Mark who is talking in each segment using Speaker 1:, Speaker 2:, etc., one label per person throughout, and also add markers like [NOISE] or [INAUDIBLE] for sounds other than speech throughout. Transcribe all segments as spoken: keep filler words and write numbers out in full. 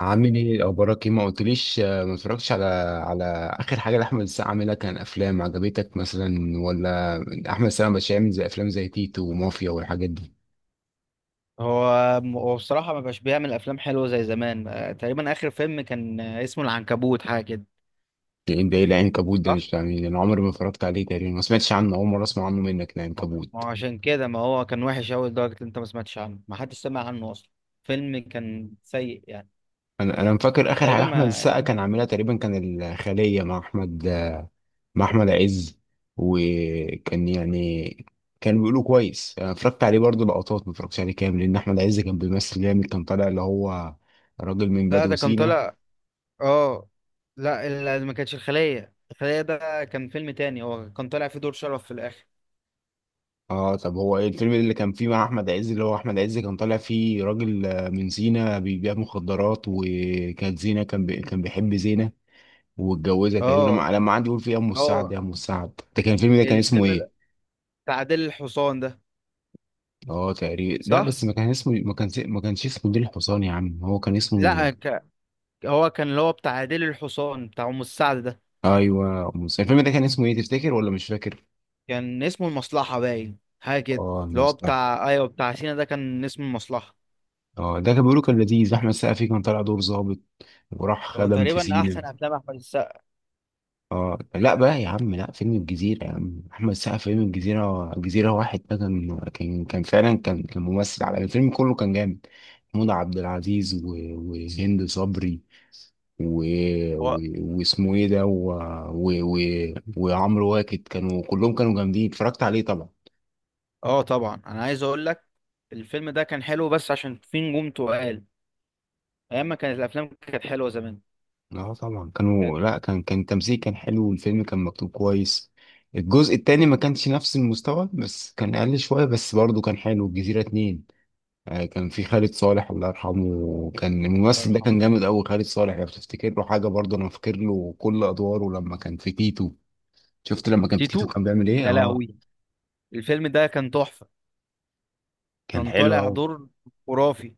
Speaker 1: عامل ايه اخبارك، ايه ما قلتليش؟ آه، ما اتفرجتش على على اخر حاجه لاحمد السقا عاملها. كان افلام عجبتك مثلا ولا احمد السقا مش عامل زي افلام زي تيتو ومافيا والحاجات دي؟
Speaker 2: هو هو بصراحة ما بقاش بيعمل أفلام حلوة زي زمان، آه، تقريبا آخر فيلم كان آه، اسمه العنكبوت حاجة كده،
Speaker 1: ده ايه ده؟ إيه العنكبوت ده؟
Speaker 2: صح؟
Speaker 1: مش فاهمين. انا عمري ما اتفرجت عليه، تقريبا ما سمعتش عنه، اول مره اسمع عنه منك
Speaker 2: ما هو
Speaker 1: العنكبوت.
Speaker 2: عشان كده، ما هو كان وحش أوي لدرجة إن أنت ما سمعتش عنه، ما حدش سمع عنه أصلا. فيلم كان سيء يعني.
Speaker 1: انا انا فاكر اخر حاجه
Speaker 2: تقريبا
Speaker 1: احمد
Speaker 2: ما
Speaker 1: السقا كان عاملها تقريبا كان الخليه مع احمد مع احمد عز. وكان يعني كان بيقولوا كويس. انا اتفرجت عليه برضه لقطات، ما اتفرجتش عليه كامل، لان احمد عز كان بيمثل جامد، كان طالع اللي هو راجل من
Speaker 2: لا
Speaker 1: بدو
Speaker 2: ده كان
Speaker 1: سينا.
Speaker 2: طالع. اه لا، ال- ما كانتش الخلية، الخلية ده كان فيلم تاني، هو كان طالع فيه دور شرف في الآخر.
Speaker 1: اه طب هو ايه الفيلم اللي كان فيه مع احمد عز، اللي هو احمد عز كان طالع فيه راجل آه، من سينا بيبيع مخدرات وكانت زينة، كان بي... كان بيحب زينة واتجوزها تقريبا،
Speaker 2: اه
Speaker 1: لما لما قعد يقول فيه يا ام السعد
Speaker 2: اه،
Speaker 1: يا ام السعد، ده كان الفيلم ده كان اسمه
Speaker 2: الفيلم
Speaker 1: ايه؟
Speaker 2: ال- بتاع عادل الحصان ده.
Speaker 1: اه تقريبا، لا
Speaker 2: صح؟
Speaker 1: بس ما كان اسمه، ما كان ما كانش اسمه نيل الحصان يا عم، هو كان اسمه.
Speaker 2: لا ك... هو كان اللي هو بتاع عادل الحصان بتاع أم السعد ده،
Speaker 1: ايوه، مس- الفيلم ده كان اسمه ايه تفتكر ولا مش فاكر؟
Speaker 2: كان اسمه المصلحة باين، حاجة كده.
Speaker 1: اه
Speaker 2: اللي هو
Speaker 1: المصلحه.
Speaker 2: بتاع، أيوه، بتاع سينا ده كان اسمه المصلحة.
Speaker 1: اه ده كان بيقولوا كان لذيذ، احمد سقفي كان طالع دور ظابط وراح
Speaker 2: هو
Speaker 1: خدم في
Speaker 2: تقريبا
Speaker 1: سينا.
Speaker 2: أحسن أفلام أحمد السقا.
Speaker 1: اه لا بقى يا عم، لا فيلم الجزيرة يا عم، أحمد السقا فيلم الجزيرة، الجزيرة واحد ده كان كان كان فعلا كان كان ممثل على الفيلم كله، كان جامد. محمود عبد العزيز و- وهند صبري و...
Speaker 2: هو
Speaker 1: و... واسمه ايه ده، و... و... و... وعمرو واكد، كانوا كلهم كانوا جامدين. اتفرجت عليه طبعا.
Speaker 2: أه طبعا، أنا عايز أقول لك الفيلم ده كان حلو، بس عشان في نجوم تقال، أيام ما كانت الأفلام كانت حلوة زمان.
Speaker 1: اه طبعا كانوا،
Speaker 2: كانت-
Speaker 1: لا كان كان التمثيل كان حلو والفيلم كان مكتوب كويس. الجزء التاني ما كانش نفس المستوى، بس كان اقل شوية بس برضه كان حلو، الجزيرة اتنين. آه، كان في خالد صالح الله يرحمه، كان
Speaker 2: الله
Speaker 1: الممثل ده
Speaker 2: يرحمه.
Speaker 1: كان جامد قوي خالد صالح. لو تفتكر له حاجه برضه، انا فاكر له كل ادواره. لما كان في تيتو، شفت لما كان في تيتو
Speaker 2: تيتو،
Speaker 1: كان بيعمل ايه؟
Speaker 2: يا
Speaker 1: اه
Speaker 2: لهوي، الفيلم ده كان تحفة.
Speaker 1: كان
Speaker 2: كان
Speaker 1: حلو
Speaker 2: طالع
Speaker 1: قوي.
Speaker 2: دور خرافي.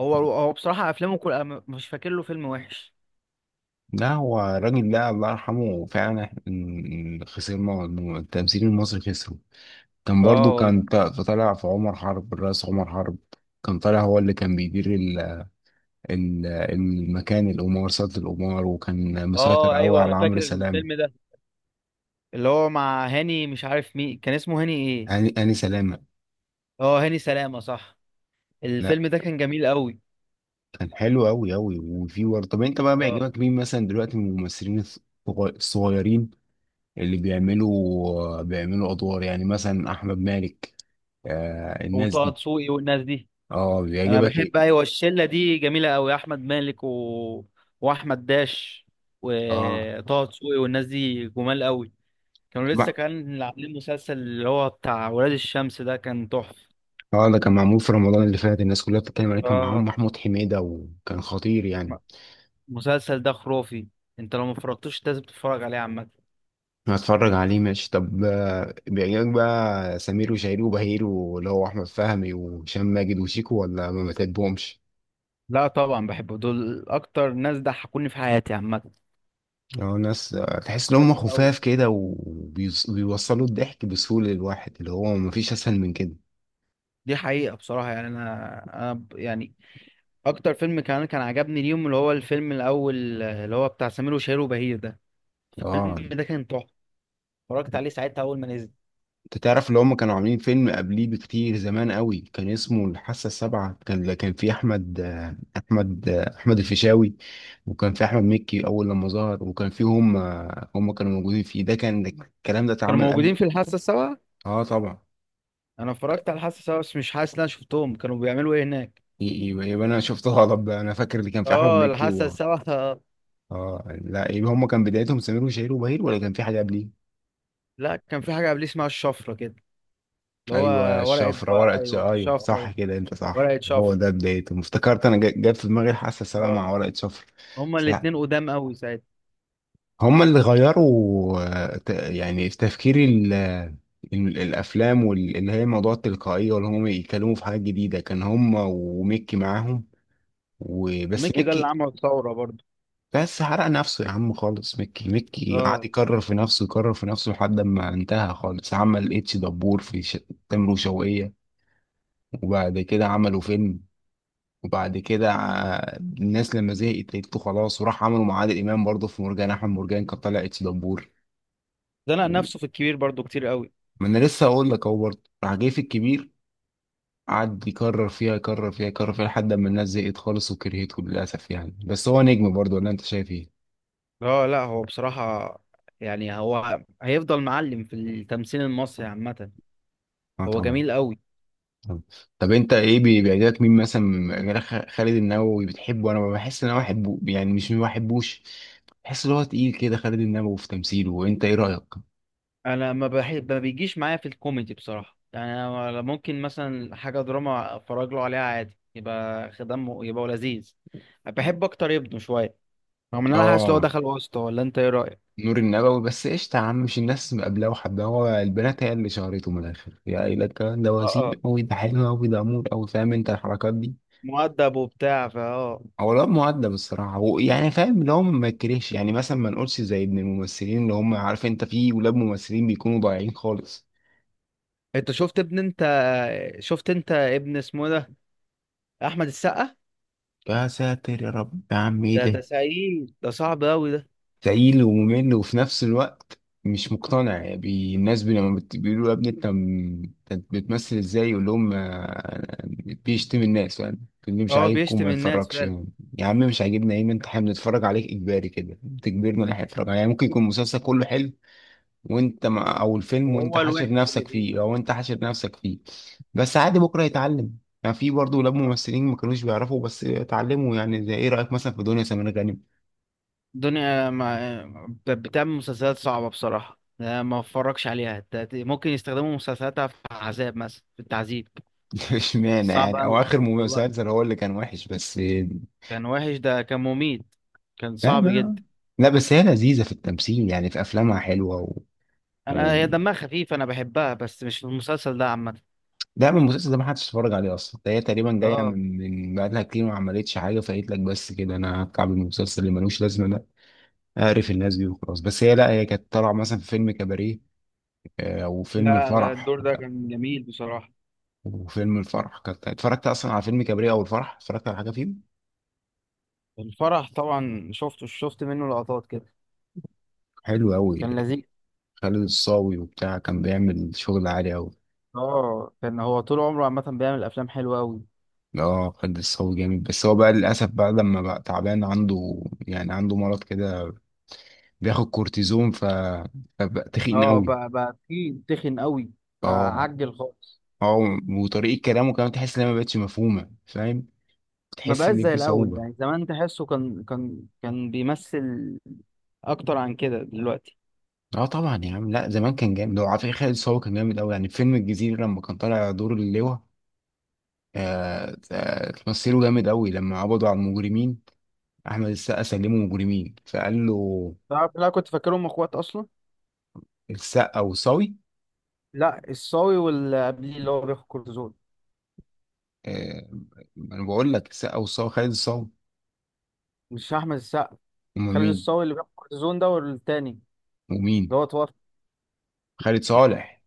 Speaker 2: هو هو بصراحة أفلامه كل أنا مش فاكر له فيلم وحش.
Speaker 1: لا هو الراجل ده الله يرحمه فعلا، إحنا خسرنا، الم- التمثيل المصري خسره. كان برضه
Speaker 2: اه
Speaker 1: كان
Speaker 2: والله.
Speaker 1: ط- طالع في عمر حرب الرئيس عمر حرب، كان طالع هو اللي كان بيدير ال- ال- المكان القمار، سلطة القمار، وكان مسيطر
Speaker 2: اه
Speaker 1: قوي
Speaker 2: ايوه انا
Speaker 1: على عمرو
Speaker 2: فاكر
Speaker 1: سلامة.
Speaker 2: الفيلم ده، اللي هو مع هاني، مش عارف مين، كان اسمه هاني ايه؟
Speaker 1: هاني هاني سلامة.
Speaker 2: اه هاني سلامة، صح. الفيلم ده كان جميل قوي.
Speaker 1: كان حلو أوي أوي وفي ورد. طب أنت بقى
Speaker 2: اه،
Speaker 1: بيعجبك مين مثلا دلوقتي من الممثلين الصغ- الصغيرين، اللي بيعملوا بيعملوا أدوار، يعني مثلا أحمد مالك، آه الناس
Speaker 2: وطه
Speaker 1: دي؟
Speaker 2: دسوقي والناس دي.
Speaker 1: أه
Speaker 2: انا
Speaker 1: بيعجبك إيه؟
Speaker 2: بحب، ايوه، الشلة دي جميلة قوي، احمد مالك و... واحمد داش
Speaker 1: أه
Speaker 2: وطه دسوقي والناس دي جمال قوي. كانوا لسه
Speaker 1: بقى،
Speaker 2: كان عاملين مسلسل اللي هو بتاع ولاد الشمس ده، كان تحفة.
Speaker 1: أه ده كان معمول في رمضان اللي فات، الناس كلها بتتكلم عليه، كان معاهم
Speaker 2: اه،
Speaker 1: محمود حميدة وكان خطير
Speaker 2: م-
Speaker 1: يعني.
Speaker 2: المسلسل ده خرافي، انت لو ما فرجتوش لازم تتفرج عليه عامة.
Speaker 1: هتفرج عليه ماشي. طب آه، بيعجبك بقى سمير وشهير وبهير، واللي هو أحمد فهمي وهشام ماجد وشيكو، ولا ما بتحبهمش؟
Speaker 2: لا طبعا بحبه دول، اكتر ناس ضحكوني في حياتي عامة.
Speaker 1: اه ناس آه، تحس ان هم
Speaker 2: خفيف أوي.
Speaker 1: خفاف كده وبيوصلوا الضحك بسهولة للواحد، اللي هو مفيش اسهل من كده.
Speaker 2: دي حقيقة بصراحة يعني، أنا أنا ب- يعني اكتر فيلم كان كان عجبني اليوم، اللي هو الفيلم الاول اللي هو بتاع سمير وشهير وبهير ده.
Speaker 1: اه
Speaker 2: الفيلم ده كان تحفه، اتفرجت عليه ساعتها اول ما نزل.
Speaker 1: انت تعرف اللي هم كانوا عاملين فيلم قبليه بكتير زمان قوي، كان اسمه الحاسة السابعة، كان كان فيه احمد آه، احمد آه، احمد الفيشاوي، وكان فيه احمد مكي اول لما ظهر، وكان فيه هم آه، هم كانوا موجودين فيه، ده كان الكلام ده
Speaker 2: كانوا
Speaker 1: اتعمل
Speaker 2: موجودين
Speaker 1: قبل.
Speaker 2: في الحاسه السابعه؟
Speaker 1: اه طبعا.
Speaker 2: انا اتفرجت على الحاسه السابعه، بس مش حاسس ان انا شفتهم كانوا بيعملوا ايه هناك.
Speaker 1: ي- يبقى يبقى انا شفت غلط بقى، انا فاكر اللي كان فيه احمد
Speaker 2: اه
Speaker 1: مكي
Speaker 2: الحاسه
Speaker 1: و...
Speaker 2: السابعه آه.
Speaker 1: اه لا، يبقى هم كان بدايتهم سمير وشهير وبهير، ولا كان في حاجة قبليه؟
Speaker 2: [LAUGHS] لا كان في حاجه قبليه اسمها الشفره كده، اللي هو
Speaker 1: ايوه
Speaker 2: ورقه،
Speaker 1: الشفره،
Speaker 2: بقى
Speaker 1: ورقه ش...
Speaker 2: ايوه
Speaker 1: ايوه
Speaker 2: شفره،
Speaker 1: صح كده انت صح،
Speaker 2: ورقه
Speaker 1: هو
Speaker 2: شفره.
Speaker 1: ده بدايته. افتكرت انا جا- جت في دماغي الحاسه السابعه
Speaker 2: اه،
Speaker 1: مع ورقه شفره.
Speaker 2: هما
Speaker 1: بس لا
Speaker 2: الاتنين قدام قوي ساعتها.
Speaker 1: هما اللي غيروا آه، ت- يعني في تفكير ال... ال- الافلام، واللي هي موضوع التلقائيه، واللي هم يتكلموا في حاجات جديده، كان هما وميكي معاهم، وبس
Speaker 2: ميكي ده اللي
Speaker 1: ميكي.
Speaker 2: عمل ثوره برضه.
Speaker 1: بس حرق نفسه يا عم خالص. ميكي ميكي قعد
Speaker 2: اه،
Speaker 1: يكرر في نفسه، يكرر في نفسه لحد ما انتهى خالص. عمل اتش دبور في ش... تامر وشوقية، وبعد كده عملوا فيلم، وبعد كده ع- الناس لما زهقت لقيته خلاص، وراح عملوا مع عادل امام برضه في مرجان احمد مرجان، كان طالع اتش دبور.
Speaker 2: ده نفسه في الكبير برضه كتير قوي.
Speaker 1: ما انا لسه هقول لك اهو، برضه راح جاي في الكبير، قعد يكرر فيها، يكرر فيها يكرر فيها لحد ما الناس زهقت خالص وكرهته للاسف يعني. بس هو نجم برضه ولا انت شايف ايه؟
Speaker 2: اه لا، هو بصراحة يعني هو هيفضل معلم في التمثيل المصري عامة.
Speaker 1: اه
Speaker 2: هو
Speaker 1: طبعا.
Speaker 2: جميل قوي.
Speaker 1: طبعاً. طب انت ايه، بي- بيعجبك مين مثلا، من- غير خ- خالد النبوي بتحبه؟ انا بحس ان انا بحبه يعني، مش ما بحبوش، بحس ان هو تقيل كده خالد النبوي في تمثيله، وانت ايه رايك؟
Speaker 2: انا ما بحب، ما بيجيش معايا في الكوميدي بصراحة يعني. أنا ممكن مثلا حاجة دراما اتفرج له عليها عادي، يبقى خدمه، يبقى هو لذيذ. بحب اكتر ابنه شوية، رغم ان انا حاسس لو
Speaker 1: اه
Speaker 2: دخل وسطه. ولا انت ايه رأيك؟
Speaker 1: نور النبوي بس قشطة يا عم، مش الناس مقابلاه وحباه، هو البنات هي اللي شهرته من الآخر، يا قايلة الكلام ده
Speaker 2: اه
Speaker 1: وسيم
Speaker 2: اه،
Speaker 1: أوي، ده حلو أوي، ده أمور أوي، فاهم أنت الحركات دي.
Speaker 2: مؤدب وبتاع، فا اه.
Speaker 1: هو الواد مؤدب الصراحة، هو يعني فاهم، اللي هو ما يكرهش، يعني مثلا ما نقولش زي ابن الممثلين اللي هم، عارف أنت في ولاد ممثلين بيكونوا ضايعين خالص.
Speaker 2: انت شفت ابن، انت شفت انت ابن اسمه ده، احمد السقا
Speaker 1: يا ساتر يا رب يا عم إيه
Speaker 2: ده. ده
Speaker 1: ده؟
Speaker 2: سعيد، ده صعب قوي ده.
Speaker 1: تقيل وممل وفي نفس الوقت مش مقتنع، يعني بي- الناس بي لما بت- بيقولوا يا ابني انت م- أنت بتمثل ازاي، يقول لهم آه، بيشتم الناس، فاهم، اللي مش
Speaker 2: اه
Speaker 1: عاجبكم ما
Speaker 2: بيشتم الناس.
Speaker 1: يتفرجش. يا عم مش عاجبنا ايه، ما انت احنا بنتفرج عليك اجباري كده، بتجبرنا ان احنا نتفرج عليه. يعني ممكن يكون المسلسل كله حلو وانت ما او الفيلم وانت
Speaker 2: وهو
Speaker 1: حاشر
Speaker 2: الوحش اللي
Speaker 1: نفسك
Speaker 2: فيه.
Speaker 1: فيه، او انت حاشر نفسك فيه بس عادي بكره يتعلم. يعني في برضه ولاد
Speaker 2: اه
Speaker 1: ممثلين ما كانوش بيعرفوا بس اتعلموا، يعني زي ايه رايك مثلا في دنيا سمير غانم؟
Speaker 2: دنيا، ما بت- بتعمل مسلسلات صعبة بصراحة يعني، أنا ما اتفرجش عليها. ت- ممكن يستخدموا مسلسلاتها في عذاب، مثلا في التعذيب.
Speaker 1: [LAUGHS] اشمعنى
Speaker 2: صعب
Speaker 1: يعني، هو
Speaker 2: قوي،
Speaker 1: اخر
Speaker 2: والله
Speaker 1: مسلسل هو اللي كان وحش بس.
Speaker 2: كان وحش، ده كان مميت، كان
Speaker 1: لا
Speaker 2: صعب
Speaker 1: ما
Speaker 2: جدا.
Speaker 1: لا بس هي لذيذه في التمثيل، يعني في افلامها حلوه و...
Speaker 2: انا
Speaker 1: و...
Speaker 2: هي دمها خفيف، انا بحبها، بس مش في المسلسل ده عامة.
Speaker 1: لا من المسلسل ده ما حدش اتفرج عليه اصلا. ده هي تقريبا جايه
Speaker 2: اه
Speaker 1: من من بقالها كتير ما عملتش حاجه، فقالت لك بس كده انا هتكعب المسلسل اللي ملوش لازمه ده، اعرف الناس دي وخلاص. بس هي لا هي كانت طالعه مثلا في فيلم كباريه آه، او فيلم
Speaker 2: لا لا،
Speaker 1: الفرح.
Speaker 2: الدور ده كان جميل بصراحة.
Speaker 1: وفيلم الفرح كانت اتفرجت اصلا، على فيلم كباريه او الفرح اتفرجت على حاجه فيه.
Speaker 2: الفرح طبعا شفته، شفت منه لقطات كده.
Speaker 1: حلو قوي.
Speaker 2: كان لذيذ.
Speaker 1: خالد الصاوي وبتاع كان بيعمل شغل عالي قوي.
Speaker 2: اه كان هو طول عمره عامة بيعمل افلام حلوة قوي.
Speaker 1: اه خد الصاوي جامد، بس هو بقى للاسف بقى لما بقى تعبان عنده، يعني عنده مرض كده، بياخد كورتيزون، ف فبقى تخين
Speaker 2: اه
Speaker 1: قوي.
Speaker 2: بقى، بقى في تخن قوي، بقى
Speaker 1: اه
Speaker 2: عجل خالص.
Speaker 1: اه. وطريقه كلامه كمان تحس انها ما بقتش مفهومه، فاهم،
Speaker 2: ما
Speaker 1: تحس
Speaker 2: بقاش
Speaker 1: ان
Speaker 2: زي
Speaker 1: في
Speaker 2: الاول
Speaker 1: صعوبه.
Speaker 2: يعني، زمان تحسه كان كان كان بيمثل اكتر عن كده دلوقتي.
Speaker 1: اه طبعا يا عم، لا زمان كان جامد، هو على فكره خالد الصاوي كان جامد قوي يعني، في فيلم الجزيره لما كان طالع دور اللواء، آه آه، تمثيله جامد قوي، لما قبضوا على المجرمين احمد السقا سلموا مجرمين فقال له
Speaker 2: تعرف، لا كنت فاكرهم اخوات اصلا.
Speaker 1: السقا وصاوي.
Speaker 2: لا الصاوي واللي قبليه، اللي هو بياخد كورتيزون،
Speaker 1: آه، ما انا بقول لك السقا والصاوي، خالد الصاوي.
Speaker 2: مش احمد السقا.
Speaker 1: هم
Speaker 2: خالد
Speaker 1: مين؟
Speaker 2: الصاوي اللي بياخد كورتيزون ده، والتاني اللي
Speaker 1: ومين؟
Speaker 2: هو اتوفى.
Speaker 1: خالد صالح.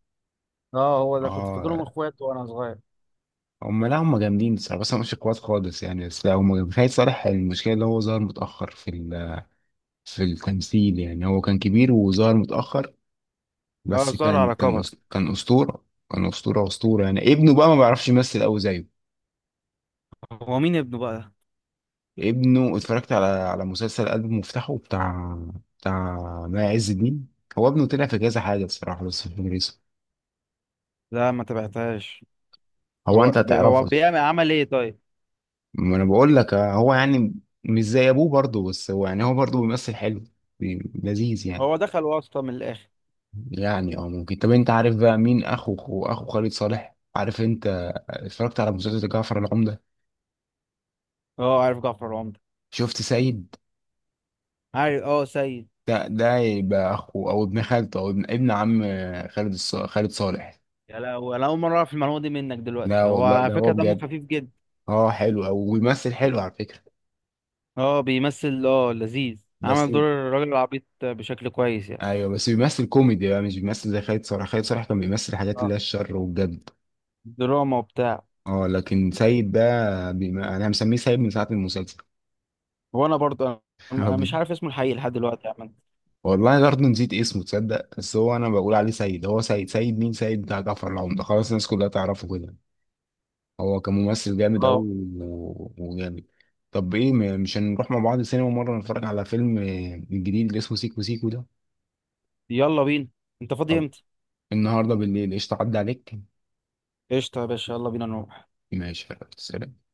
Speaker 2: اه هو ده، كنت فاكرهم
Speaker 1: اه
Speaker 2: اخوات وانا صغير.
Speaker 1: هم لا هم جامدين الصراحه، بس انا مش كويس خالص يعني، بس لا هم جامدين. خالد صالح المشكله اللي هو ظهر متاخر في ال- في التمثيل، يعني هو كان كبير وظهر متاخر،
Speaker 2: اه
Speaker 1: بس
Speaker 2: ظهر
Speaker 1: كان
Speaker 2: على
Speaker 1: كان
Speaker 2: كبر.
Speaker 1: أس- كان اسطوره. كان اسطوره اسطوره يعني، ابنه بقى ما بيعرفش يمثل قوي زيه.
Speaker 2: هو مين ابنه بقى؟
Speaker 1: ابنه اتفرجت على على مسلسل قلب مفتاحه بتاع بتاع ماء عز الدين، هو ابنه، طلع في كذا حاجه الصراحه، بس مش فاكر اسمه.
Speaker 2: لا ما تبعتهاش.
Speaker 1: هو
Speaker 2: هو
Speaker 1: انت
Speaker 2: هو
Speaker 1: هتعرفه.
Speaker 2: بيعمل عمل ايه طيب؟
Speaker 1: ما انا بقول لك آه، هو يعني مش زي ابوه برضه، بس هو يعني هو برضه بيمثل حلو، بي- لذيذ يعني.
Speaker 2: هو دخل واسطة من الاخر.
Speaker 1: يعني اه ممكن. طب انت عارف بقى مين اخو اخو أخو خالد صالح، عارف انت؟ اتفرجت على مسلسل جعفر العمدة؟
Speaker 2: اه عارف جعفر العمدة.
Speaker 1: شفت سيد؟
Speaker 2: عارف، اه سيد.
Speaker 1: ده ده يبقى اخو او ابن خالته او ابن ابن عم خالد الص... خالد صالح.
Speaker 2: يا لهوي، انا اول مره اعرف المعلومه دي منك
Speaker 1: لا
Speaker 2: دلوقتي. هو
Speaker 1: والله
Speaker 2: على
Speaker 1: ده هو
Speaker 2: فكره دمه
Speaker 1: بجد.
Speaker 2: خفيف جدا.
Speaker 1: اه حلو او بيمثل حلو على فكرة.
Speaker 2: اه بيمثل اه، لذيذ،
Speaker 1: بس
Speaker 2: عمل دور الراجل العبيط بشكل كويس يعني.
Speaker 1: ايوه بس بيمثل كوميدي بقى، مش بيمثل زي خالد صالح. خالد صالح كان بيمثل حاجات اللي
Speaker 2: اه
Speaker 1: هي الشر والجد.
Speaker 2: دراما وبتاع.
Speaker 1: اه لكن سيد ده بما... انا مسميه سيد من ساعة المسلسل.
Speaker 2: وانا برضه، أنا-
Speaker 1: [LAUGHS] هو
Speaker 2: أنا مش
Speaker 1: بي-
Speaker 2: عارف اسمه الحقيقي لحد دلوقتي يا عم.
Speaker 1: والله برضه نسيت اسمه تصدق، بس هو انا بقول عليه سيد، هو سيد، سيد مين، سيد بتاع جعفر العمدة خلاص، الناس كلها تعرفه كده. هو كممثل جامد قوي
Speaker 2: اه
Speaker 1: و... وجامد. طب ايه م- مش هنروح مع بعض السينما مرة نتفرج على فيلم آه، الجديد اللي اسمه سيكو سيكو ده؟
Speaker 2: يلا بينا، انت فاضي
Speaker 1: طب
Speaker 2: امتى؟
Speaker 1: النهارده بالليل قشطة، عدى عليك.
Speaker 2: قشطه يا باشا، يلا بينا نروح.
Speaker 1: ماشي خلاص، سلام.